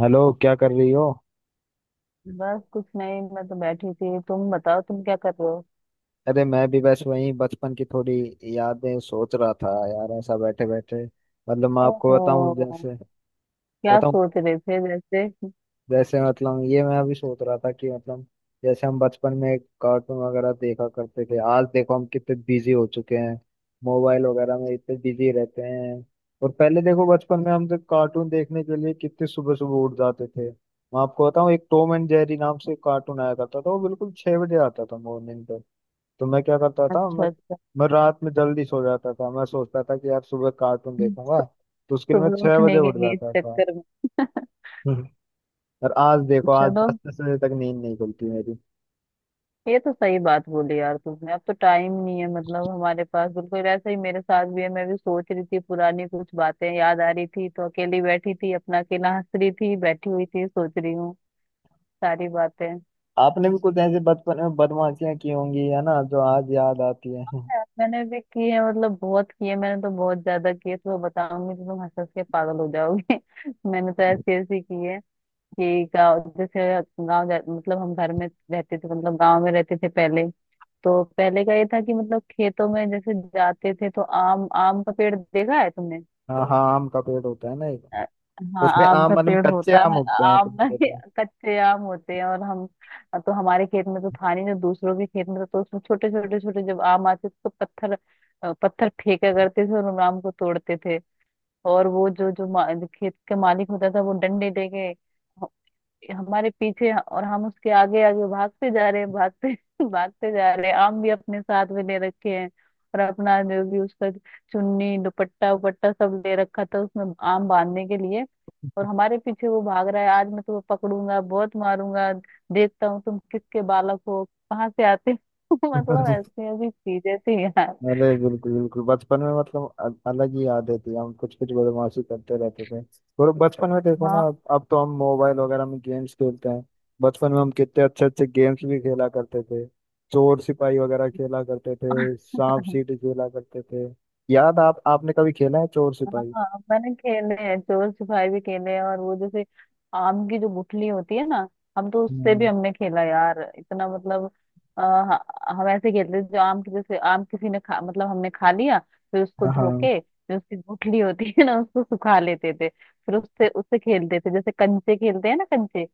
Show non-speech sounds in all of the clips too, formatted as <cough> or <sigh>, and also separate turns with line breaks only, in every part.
Hello, क्या कर रही हो?
बस कुछ नहीं। मैं तो बैठी थी, तुम बताओ तुम क्या कर रहे हो।
अरे मैं भी बस वही बचपन की थोड़ी यादें सोच रहा था यार, ऐसा बैठे बैठे। मतलब मैं आपको बताऊं
ओहो,
जैसे।
क्या
बताऊं,
सोच रहे थे जैसे।
जैसे मतलब ये मैं अभी सोच रहा था कि मतलब जैसे हम बचपन में कार्टून वगैरह देखा करते थे, आज देखो हम कितने बिजी हो चुके हैं। मोबाइल वगैरह में इतने बिजी रहते हैं। और पहले देखो, बचपन में हम तो कार्टून देखने के लिए कितने सुबह सुबह उठ जाते थे। मैं आपको बताऊं, एक टॉम एंड जेरी नाम से कार्टून आया करता था, वो बिल्कुल 6 बजे आता था मॉर्निंग पे। तो मैं क्या करता था, मैं
अच्छा अच्छा।
मैं रात में जल्दी सो जाता था। मैं सोचता था कि यार सुबह कार्टून देखूंगा, तो उसके लिए मैं
सुबह
6 बजे
उठने के
उठ
लिए
जाता था।
चक्कर में।
हम्म। और आज देखो, आज
चलो,
10-10 बजे तक नींद नहीं खुलती मेरी।
ये तो सही बात बोली यार तुमने, अब तो टाइम नहीं है मतलब हमारे पास। बिल्कुल ऐसा ही मेरे साथ भी है, मैं भी सोच रही थी पुरानी कुछ बातें याद आ रही थी, तो अकेली बैठी थी अपना अकेला हंस रही थी, बैठी हुई थी सोच रही हूँ सारी बातें।
आपने भी कुछ ऐसे बचपन में बदमाशियां की होंगी है ना, जो आज याद आती है
यार, मैंने भी किए हैं, मतलब बहुत किए, मैंने तो बहुत ज्यादा किए, तो बताऊंगी तो तुम हंस हंस के पागल हो जाओगे। <laughs> मैंने तो ऐसे ऐसे किए कि गाँव जैसे मतलब हम घर में रहते थे, मतलब गाँव में रहते थे पहले। तो पहले का ये था कि मतलब खेतों में जैसे जाते थे, तो आम, आम का पेड़ देखा है तुमने।
हाँ हाँ, आम का पेड़ होता है ना एक।
अ, हाँ
उसपे
आम
आम
का
मतलब
पेड़
कच्चे
होता
आम
है।
उगते हैं।
आम ना <laughs> ही कच्चे आम होते हैं, और हम, तो हमारे खेत में तो था नहीं, जो दूसरों के खेत में था, तो उसमें छोटे छोटे छोटे जब आम आते थे तो पत्थर पत्थर फेंका करते थे और उन आम को तोड़ते थे। और वो जो जो, मा, जो खेत के मालिक होता था वो डंडे लेके हमारे पीछे, और हम उसके आगे आगे भागते जा रहे हैं, भागते <laughs> भागते जा रहे हैं, आम भी अपने साथ में ले रखे हैं। और अपना जो भी उसका चुन्नी दुपट्टा उपट्टा सब ले रखा था उसमें आम बांधने के लिए। और
तो,
हमारे पीछे वो भाग रहा है, आज मैं तुम्हें पकड़ूंगा बहुत मारूंगा, देखता हूँ तुम किसके बालक हो, कहाँ से आते हो। <laughs> मतलब
<laughs>
ऐसी ऐसी चीजें थी यार।
अरे बिल्कुल बिल्कुल, बचपन में मतलब अलग ही यादें थी हम कुछ कुछ बदमाशी करते रहते थे। और बचपन में देखो ना,
हाँ
अब तो हम मोबाइल वगैरह में गेम्स खेलते हैं। बचपन में हम कितने अच्छे अच्छे गेम्स भी खेला करते थे। चोर सिपाही वगैरह खेला करते थे, सांप
<laughs>
सीढ़ी खेला करते थे। याद, आप आपने कभी खेला है चोर सिपाही?
हाँ, मैंने खेले हैं, चोर सिपाही भी खेले हैं। और वो जैसे आम की जो गुठली होती है ना, हम तो उससे भी
हम्म,
हमने खेला यार, इतना मतलब हम ऐसे खेलते थे, जो आम की जैसे आम किसी ने खा मतलब हमने खा लिया, फिर उसको
हाँ हाँ।
धो के, जो उसकी गुठली होती है ना उसको सुखा लेते थे, फिर उससे उससे खेलते थे, जैसे कंचे खेलते हैं ना कंचे,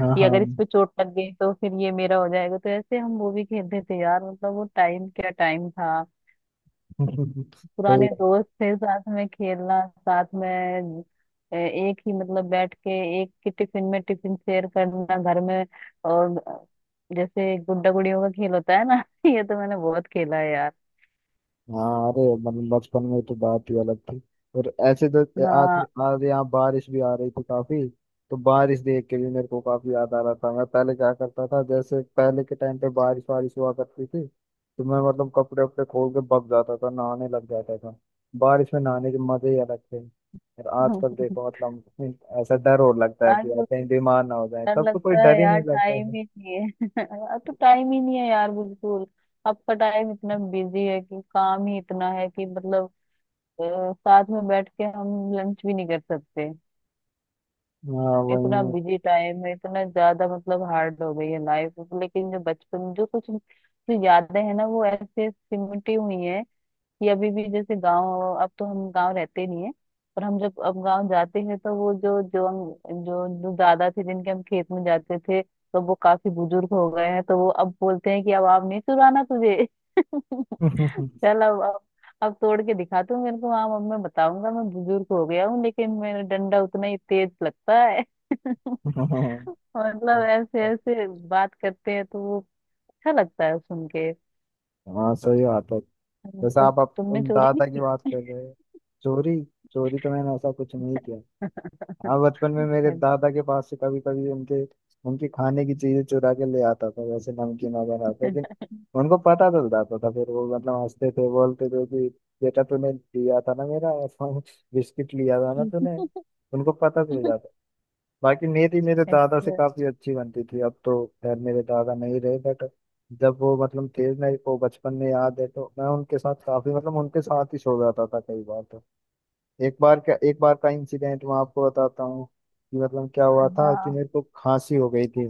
हाँ
कि
हाँ।
अगर इस पे चोट लग गई तो फिर ये मेरा हो जाएगा, तो ऐसे हम वो भी खेलते थे यार। मतलब वो टाइम क्या टाइम था।
<laughs> सही।
पुराने दोस्त थे, साथ में खेलना, साथ में एक ही मतलब बैठ के एक ही टिफिन में टिफिन शेयर करना घर में। और जैसे गुड्डा गुड़ियों का खेल होता है ना, <laughs> ये तो मैंने बहुत खेला है यार।
हाँ, अरे मतलब बचपन में तो बात ही अलग थी। और ऐसे तो आज।
हाँ।
आज यहाँ बारिश भी आ रही थी काफी। तो बारिश देख के भी मेरे को काफी याद आ रहा था। मैं पहले क्या करता था, जैसे पहले के टाइम पे बारिश वारिश हुआ करती थी तो मैं मतलब कपड़े वपड़े खोल के भग जाता था, नहाने लग जाता था। बारिश में नहाने के मजे ही अलग थे। और आजकल
<laughs>
देखो मतलब ऐसा डर और लगता है कि यार
आजकल
कहीं बीमार ना हो जाए
डर
तब तो कोई
लगता है
डर ही
यार,
नहीं लगता
टाइम
है।
ही नहीं है। <laughs> अब तो टाइम ही नहीं है यार, बिल्कुल। अब का टाइम इतना बिजी है कि काम ही इतना है कि मतलब साथ में बैठ के हम लंच भी नहीं कर सकते।
हाँ
इतना
वही
बिजी टाइम है, इतना ज्यादा, मतलब हार्ड हो गई है लाइफ। लेकिन जो बचपन जो कुछ जो यादें हैं ना, वो ऐसे सिमटी हुई हैं। ये अभी भी जैसे गांव, अब तो हम गांव रहते नहीं है, पर हम जब अब गांव जाते हैं तो वो जो जो हम, जो जो दादा थे जिनके हम खेत में जाते थे, तो वो काफी बुजुर्ग हो गए हैं, तो वो अब बोलते हैं कि अब आप नहीं चुराना तुझे। <laughs>
है।
चल अब तोड़ के दिखा तू मेरे को, हाँ अब मैं बताऊंगा, मैं बुजुर्ग हो गया हूँ लेकिन मेरा डंडा उतना ही तेज लगता है। <laughs>
<laughs>
मतलब ऐसे ऐसे बात करते हैं तो वो अच्छा लगता है सुन के।
हाँ सही बात है। जैसे
तुम,
आप
तुमने
उन
चोरी
दादा की
नहीं की।
बात कर रहे हैं। चोरी। चोरी तो मैंने ऐसा कुछ नहीं किया।
अच्छा
हाँ, बचपन में मेरे दादा के पास से कभी कभी उनके उनकी खाने की चीजें चुरा के ले आता था, वैसे नमकीन वगैरह। लेकिन उनको पता चल जाता था। फिर वो मतलब हंसते थे, बोलते थे कि बेटा तूने लिया था ना मेरा। <laughs> बिस्किट लिया था ना तूने, उनको पता चल जाता। बाकी मेरी मेरे दादा से
अच्छा,
काफी अच्छी बनती थी। अब तो खैर मेरे दादा नहीं रहे, बट जब वो मतलब थे, मेरे को बचपन में याद है तो मैं उनके साथ काफी मतलब उनके साथ ही सो जाता था कई बार। तो एक बार का इंसिडेंट मैं आपको बताता हूँ कि मतलब क्या हुआ था कि
हाँ।
मेरे को खांसी हो गई थी।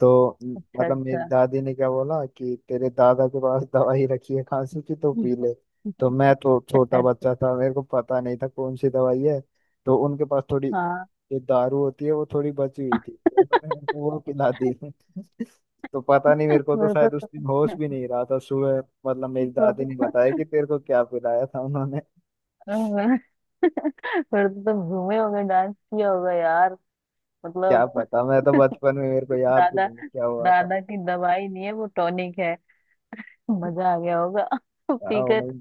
तो
अच्छा
मतलब मेरी
अच्छा।
दादी ने क्या बोला कि तेरे दादा के पास दवाई रखी है खांसी की, तो पी ले। तो मैं तो छोटा
अच्छा।
बच्चा था, मेरे को पता नहीं था कौन सी दवाई है। तो उनके पास थोड़ी
हाँ।
ये दारू होती है, वो थोड़ी बची हुई थी, तो उन्होंने मेरे को वो पिला दी। तो पता नहीं, मेरे को तो
फिर
शायद उस
तो
दिन होश
तुम
भी नहीं रहा था। सुबह मतलब मेरी दादी ने
तो
बताया कि तेरे को क्या पिलाया था उन्होंने।
फिर तो तुम घूमे होगे, डांस किया होगा यार।
क्या
मतलब
पता, मैं तो बचपन में, मेरे को याद भी
दादा
नहीं क्या हुआ था।
दादा की दवाई नहीं है वो टॉनिक है। मजा आ गया होगा
क्या हुआ
पीकर।
नहीं।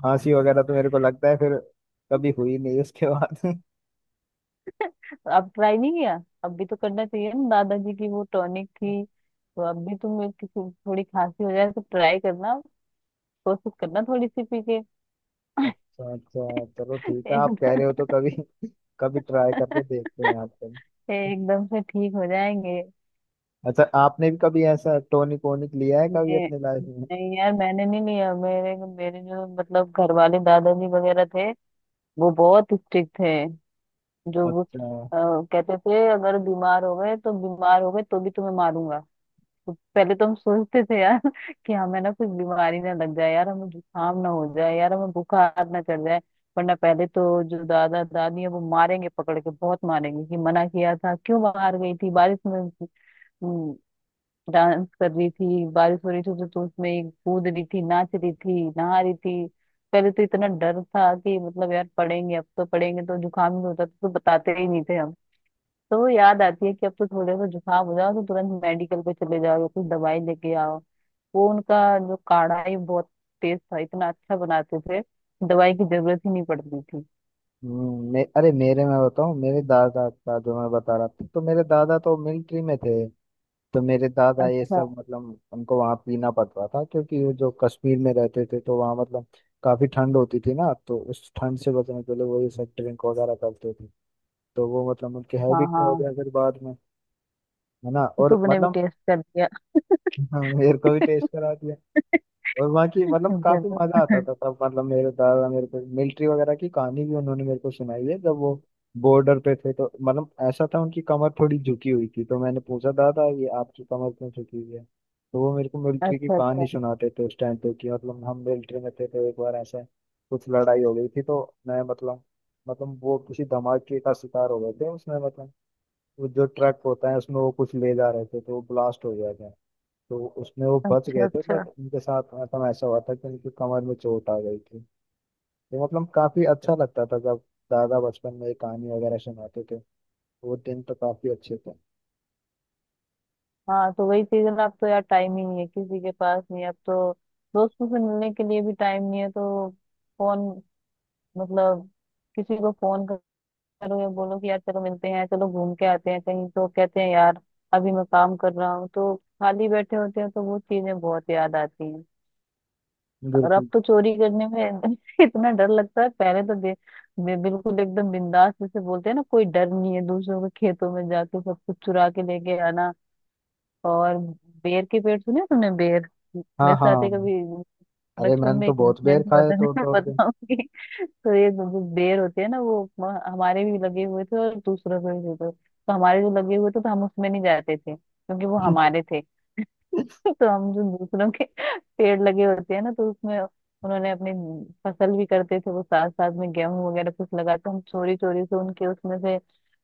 खांसी वगैरह तो मेरे को लगता है फिर कभी हुई नहीं उसके बाद। <laughs>
अब ट्राई नहीं किया। अब भी तो करना चाहिए ना, दादाजी की वो टॉनिक थी तो, अब भी तुम्हें किसी थोड़ी खांसी हो जाए तो ट्राई करना, कोशिश करना थोड़ी सी पी के।
अच्छा अच्छा, चलो
<laughs>
ठीक है, आप
एकदम,
कह रहे हो तो कभी कभी ट्राई करके देखते हैं। आपको
एकदम से ठीक हो जाएंगे।
अच्छा? आपने भी कभी ऐसा टोनिक वोनिक लिया है कभी
मैं,
अपने लाइफ में?
नहीं यार मैंने नहीं लिया। मेरे मेरे जो मतलब घर वाले दादाजी वगैरह थे वो बहुत स्ट्रिक्ट थे। जो वो
अच्छा।
कहते थे, अगर बीमार हो गए तो बीमार हो गए तो भी तुम्हें मारूंगा। तो पहले तो हम सोचते थे यार, <laughs> कि हमें ना कुछ बीमारी ना लग जाए यार, हमें जुकाम ना हो जाए यार, हमें बुखार ना चढ़ जाए, वरना पहले तो जो दादा दादी है वो मारेंगे, पकड़ के बहुत मारेंगे, कि मना किया था क्यों बाहर गई थी बारिश में। हम्म। डांस कर रही थी, बारिश हो रही थी तो उसमें कूद रही थी, नाच रही थी, नहा रही थी। पहले तो इतना डर था कि मतलब यार पढ़ेंगे, अब तो पढ़ेंगे तो जुकाम ही होता था तो बताते ही नहीं थे हम। तो वो याद आती है कि अब तो थोड़े सा जुकाम हो जाओ तो तुरंत मेडिकल पे चले जाओ या कुछ दवाई लेके आओ। वो उनका जो काढ़ा है वो बहुत टेस्ट था, इतना अच्छा बनाते थे, दवाई की जरूरत ही नहीं पड़ती थी।
अरे मेरे, मैं बताऊं, मेरे दादा का जो मैं बता रहा था, तो मेरे दादा तो मिलिट्री में थे। तो मेरे दादा ये
अच्छा।
सब मतलब उनको वहाँ पीना पड़ता था, क्योंकि वो जो कश्मीर में रहते थे तो वहाँ मतलब काफी ठंड होती थी ना, तो उस ठंड से बचने के लिए वो ये सब ड्रिंक वगैरह करते थे। तो वो मतलब उनके
हाँ
हैबिट में हो
हाँ,
गया फिर बाद में, है ना?
तो
और
तुमने भी
मतलब
टेस्ट कर दिया।
<laughs> मेरे को भी टेस्ट करा। और वहाँ की
<laughs>
मतलब काफी
जरूर।
मजा आता था तब। मतलब मेरे दादा मेरे को मिलिट्री वगैरह की कहानी भी उन्होंने मेरे को सुनाई है, जब वो बॉर्डर पे थे। तो मतलब ऐसा था, उनकी कमर थोड़ी झुकी हुई थी, तो मैंने पूछा दादा ये आपकी कमर क्यों झुकी हुई है, तो वो मेरे को मिलिट्री की
अच्छा अच्छा।
कहानी सुनाते थे उस टाइम पे कि मतलब हम मिलिट्री में थे तो एक बार ऐसा कुछ लड़ाई हो गई थी। तो मैं मतलब वो किसी धमाके का शिकार हो गए थे उसमें। मतलब वो जो ट्रक होता है, उसमें वो कुछ ले जा रहे थे तो वो ब्लास्ट हो गया था। तो उसमें वो बच
अच्छा
गए थे,
अच्छा।
बट उनके साथ मतलब ऐसा हुआ था कि उनकी कमर में चोट आ गई थी। तो मतलब काफी अच्छा लगता था जब दादा बचपन में ये कहानी वगैरह सुनाते थे। वो दिन तो काफी अच्छे थे।
हाँ, तो वही चीज है ना, अब तो यार टाइम ही नहीं है किसी के पास, नहीं है, अब तो दोस्तों से मिलने के लिए भी टाइम नहीं है तो। फोन, मतलब किसी को फोन करो या बोलो कि यार चलो मिलते हैं चलो घूम के आते हैं कहीं, तो कहते हैं यार अभी मैं काम कर रहा हूँ तो। खाली बैठे होते हैं तो वो चीजें बहुत याद आती हैं। और अब
बिल्कुल।
तो चोरी करने में <laughs> इतना डर लगता है, पहले तो बे, बे, बिल्कुल एकदम बिंदास, जैसे बोलते हैं ना कोई डर नहीं है, दूसरों के खेतों में जाके सब कुछ चुरा के लेके आना। और बेर के पेड़ सुने तुमने, बेर
हाँ
मेरे
हाँ,
साथ ही कभी
अरे
बचपन
मैंने
में
तो
एक
बहुत बेर
इंसिडेंट हुआ
खाए
था। <laughs>
तोड़
मैं
तोड़ के।
बताऊंगी तो, ये जो जो बेर होते हैं ना, वो हमारे भी लगे हुए थे और दूसरों के भी थे, तो हमारे जो लगे हुए थे तो हम उसमें नहीं जाते थे क्योंकि वो हमारे
<laughs>
थे। <laughs> तो हम जो दूसरों के <laughs> पेड़ लगे होते हैं ना, तो उसमें उन्होंने अपनी फसल भी करते थे वो साथ साथ में, गेहूं वगैरह कुछ लगा, तो हम चोरी चोरी से उनके उसमें से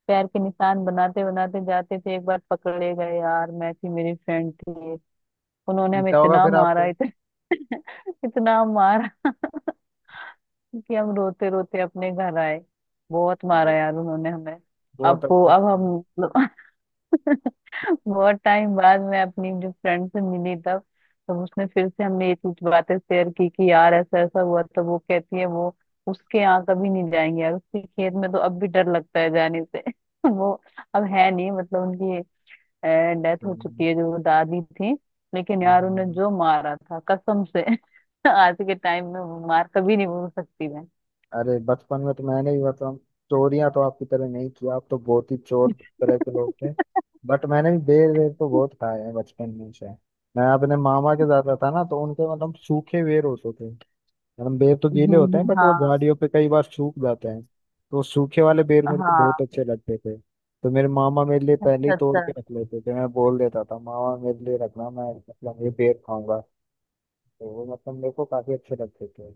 पैर के निशान बनाते बनाते जाते थे, एक बार पकड़े गए यार, मैं थी मेरी फ्रेंड थी। उन्होंने हमें
पीता होगा
इतना
फिर
मारा,
आपको।
इतना <laughs> इतना मारा <laughs> कि हम रोते रोते अपने घर आए। बहुत मारा
अरे
यार उन्होंने हमें।
बहुत
अब वो
अच्छा।
अब हम <laughs> बहुत टाइम बाद मैं अपनी जो फ्रेंड से मिली, तब, तब उसने फिर से हमने ये चीज बातें शेयर की कि यार ऐसा ऐसा हुआ, तो वो कहती है वो उसके यहाँ कभी नहीं जाएंगे यार, उसके खेत में तो अब भी डर लगता है जाने से। <laughs> वो अब है नहीं, मतलब उनकी डेथ हो
हम्म,
चुकी है जो वो दादी थी। लेकिन यार उन्हें
हम्म,
जो मारा था कसम से, <laughs> आज के टाइम में वो मार कभी नहीं भूल सकती मैं।
अरे बचपन में तो मैंने भी मतलब चोरियां तो आपकी तरह नहीं किया। आप तो बहुत ही चोर तरह के लोग थे। बट मैंने भी बेर वेर तो बहुत खाए हैं बचपन में से। मैं अपने मामा के जाता था ना, तो उनके मतलब सूखे बेर होते थे। मतलब बेर तो गीले होते हैं, बट वो
हाँ।
झाड़ियों पे कई बार सूख जाते हैं। तो सूखे वाले बेर मेरे को बहुत
हाँ
अच्छे लगते थे, तो मेरे मामा मेरे लिए पहले ही तोड़ के
सच।
रख लेते थे। मैं बोल देता था मामा मेरे लिए रखना, मैं मतलब ये बेर खाऊंगा। तो वो मतलब मेरे को काफी अच्छे लगते थे।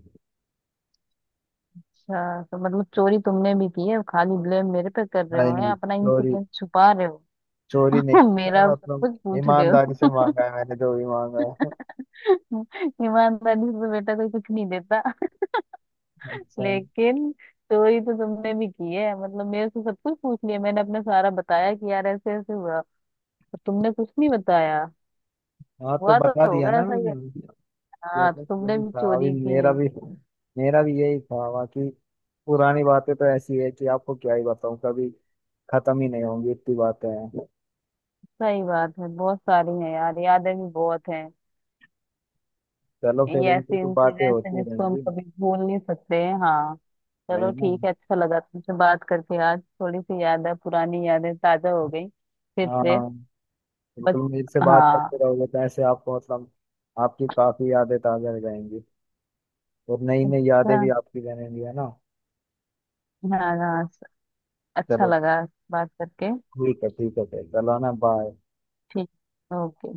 अच्छा, तो मतलब चोरी तुमने भी की है, खाली ब्लेम मेरे पे कर रहे
नहीं
हो है,
नहीं,
अपना
सॉरी,
इंसिडेंट छुपा रहे हो।
चोरी नहीं
<laughs>
की मैं,
मेरा सब
मतलब
कुछ पूछ रहे
ईमानदारी से
हो।
मांगा है मैंने, जो भी मांगा है।
<laughs> ईमानदारी से तो बेटा कोई कुछ नहीं देता। <laughs>
अच्छा।
लेकिन चोरी तो तुमने भी की है, मतलब मेरे से सब कुछ पूछ लिया, मैंने अपने सारा बताया कि यार ऐसे ऐसे हुआ और तुमने कुछ नहीं बताया।
हाँ तो
हुआ तो
बता दिया
होगा,
ना
ऐसा ही है।
मैंने।
हाँ तो
मतलब
तुमने
यही
भी
था अभी
चोरी की
मेरा
है।
भी। मेरा भी यही था। बाकी पुरानी बातें तो ऐसी है कि आपको क्या ही बताऊं, कभी खत्म ही नहीं होंगी, इतनी बातें हैं।
सही बात है, बहुत सारी है यार, यादें भी बहुत हैं।
चलो फिर,
ये
उनसे
ऐसे
तो बातें
इंसिडेंट्स हैं
होती
जिसको हम
रहेंगी।
कभी भूल नहीं सकते हैं। हाँ चलो
वही ना।
ठीक है, अच्छा लगा तुमसे बात करके, आज थोड़ी सी याद है, पुरानी यादें ताजा हो गई फिर से।
हाँ
बस।
बिल्कुल, मेरे से बात करते
हाँ।
रहोगे तो ऐसे आपको मतलब आपकी काफी यादें ताजा हो जाएंगी। और नई नई
अच्छा।
यादें भी आपकी बनेंगी, है ना?
हाँ हाँ। अच्छा
चलो
लगा बात करके।
ठीक है, ठीक है सर, चलो ना, बाय।
ठीक। ओके।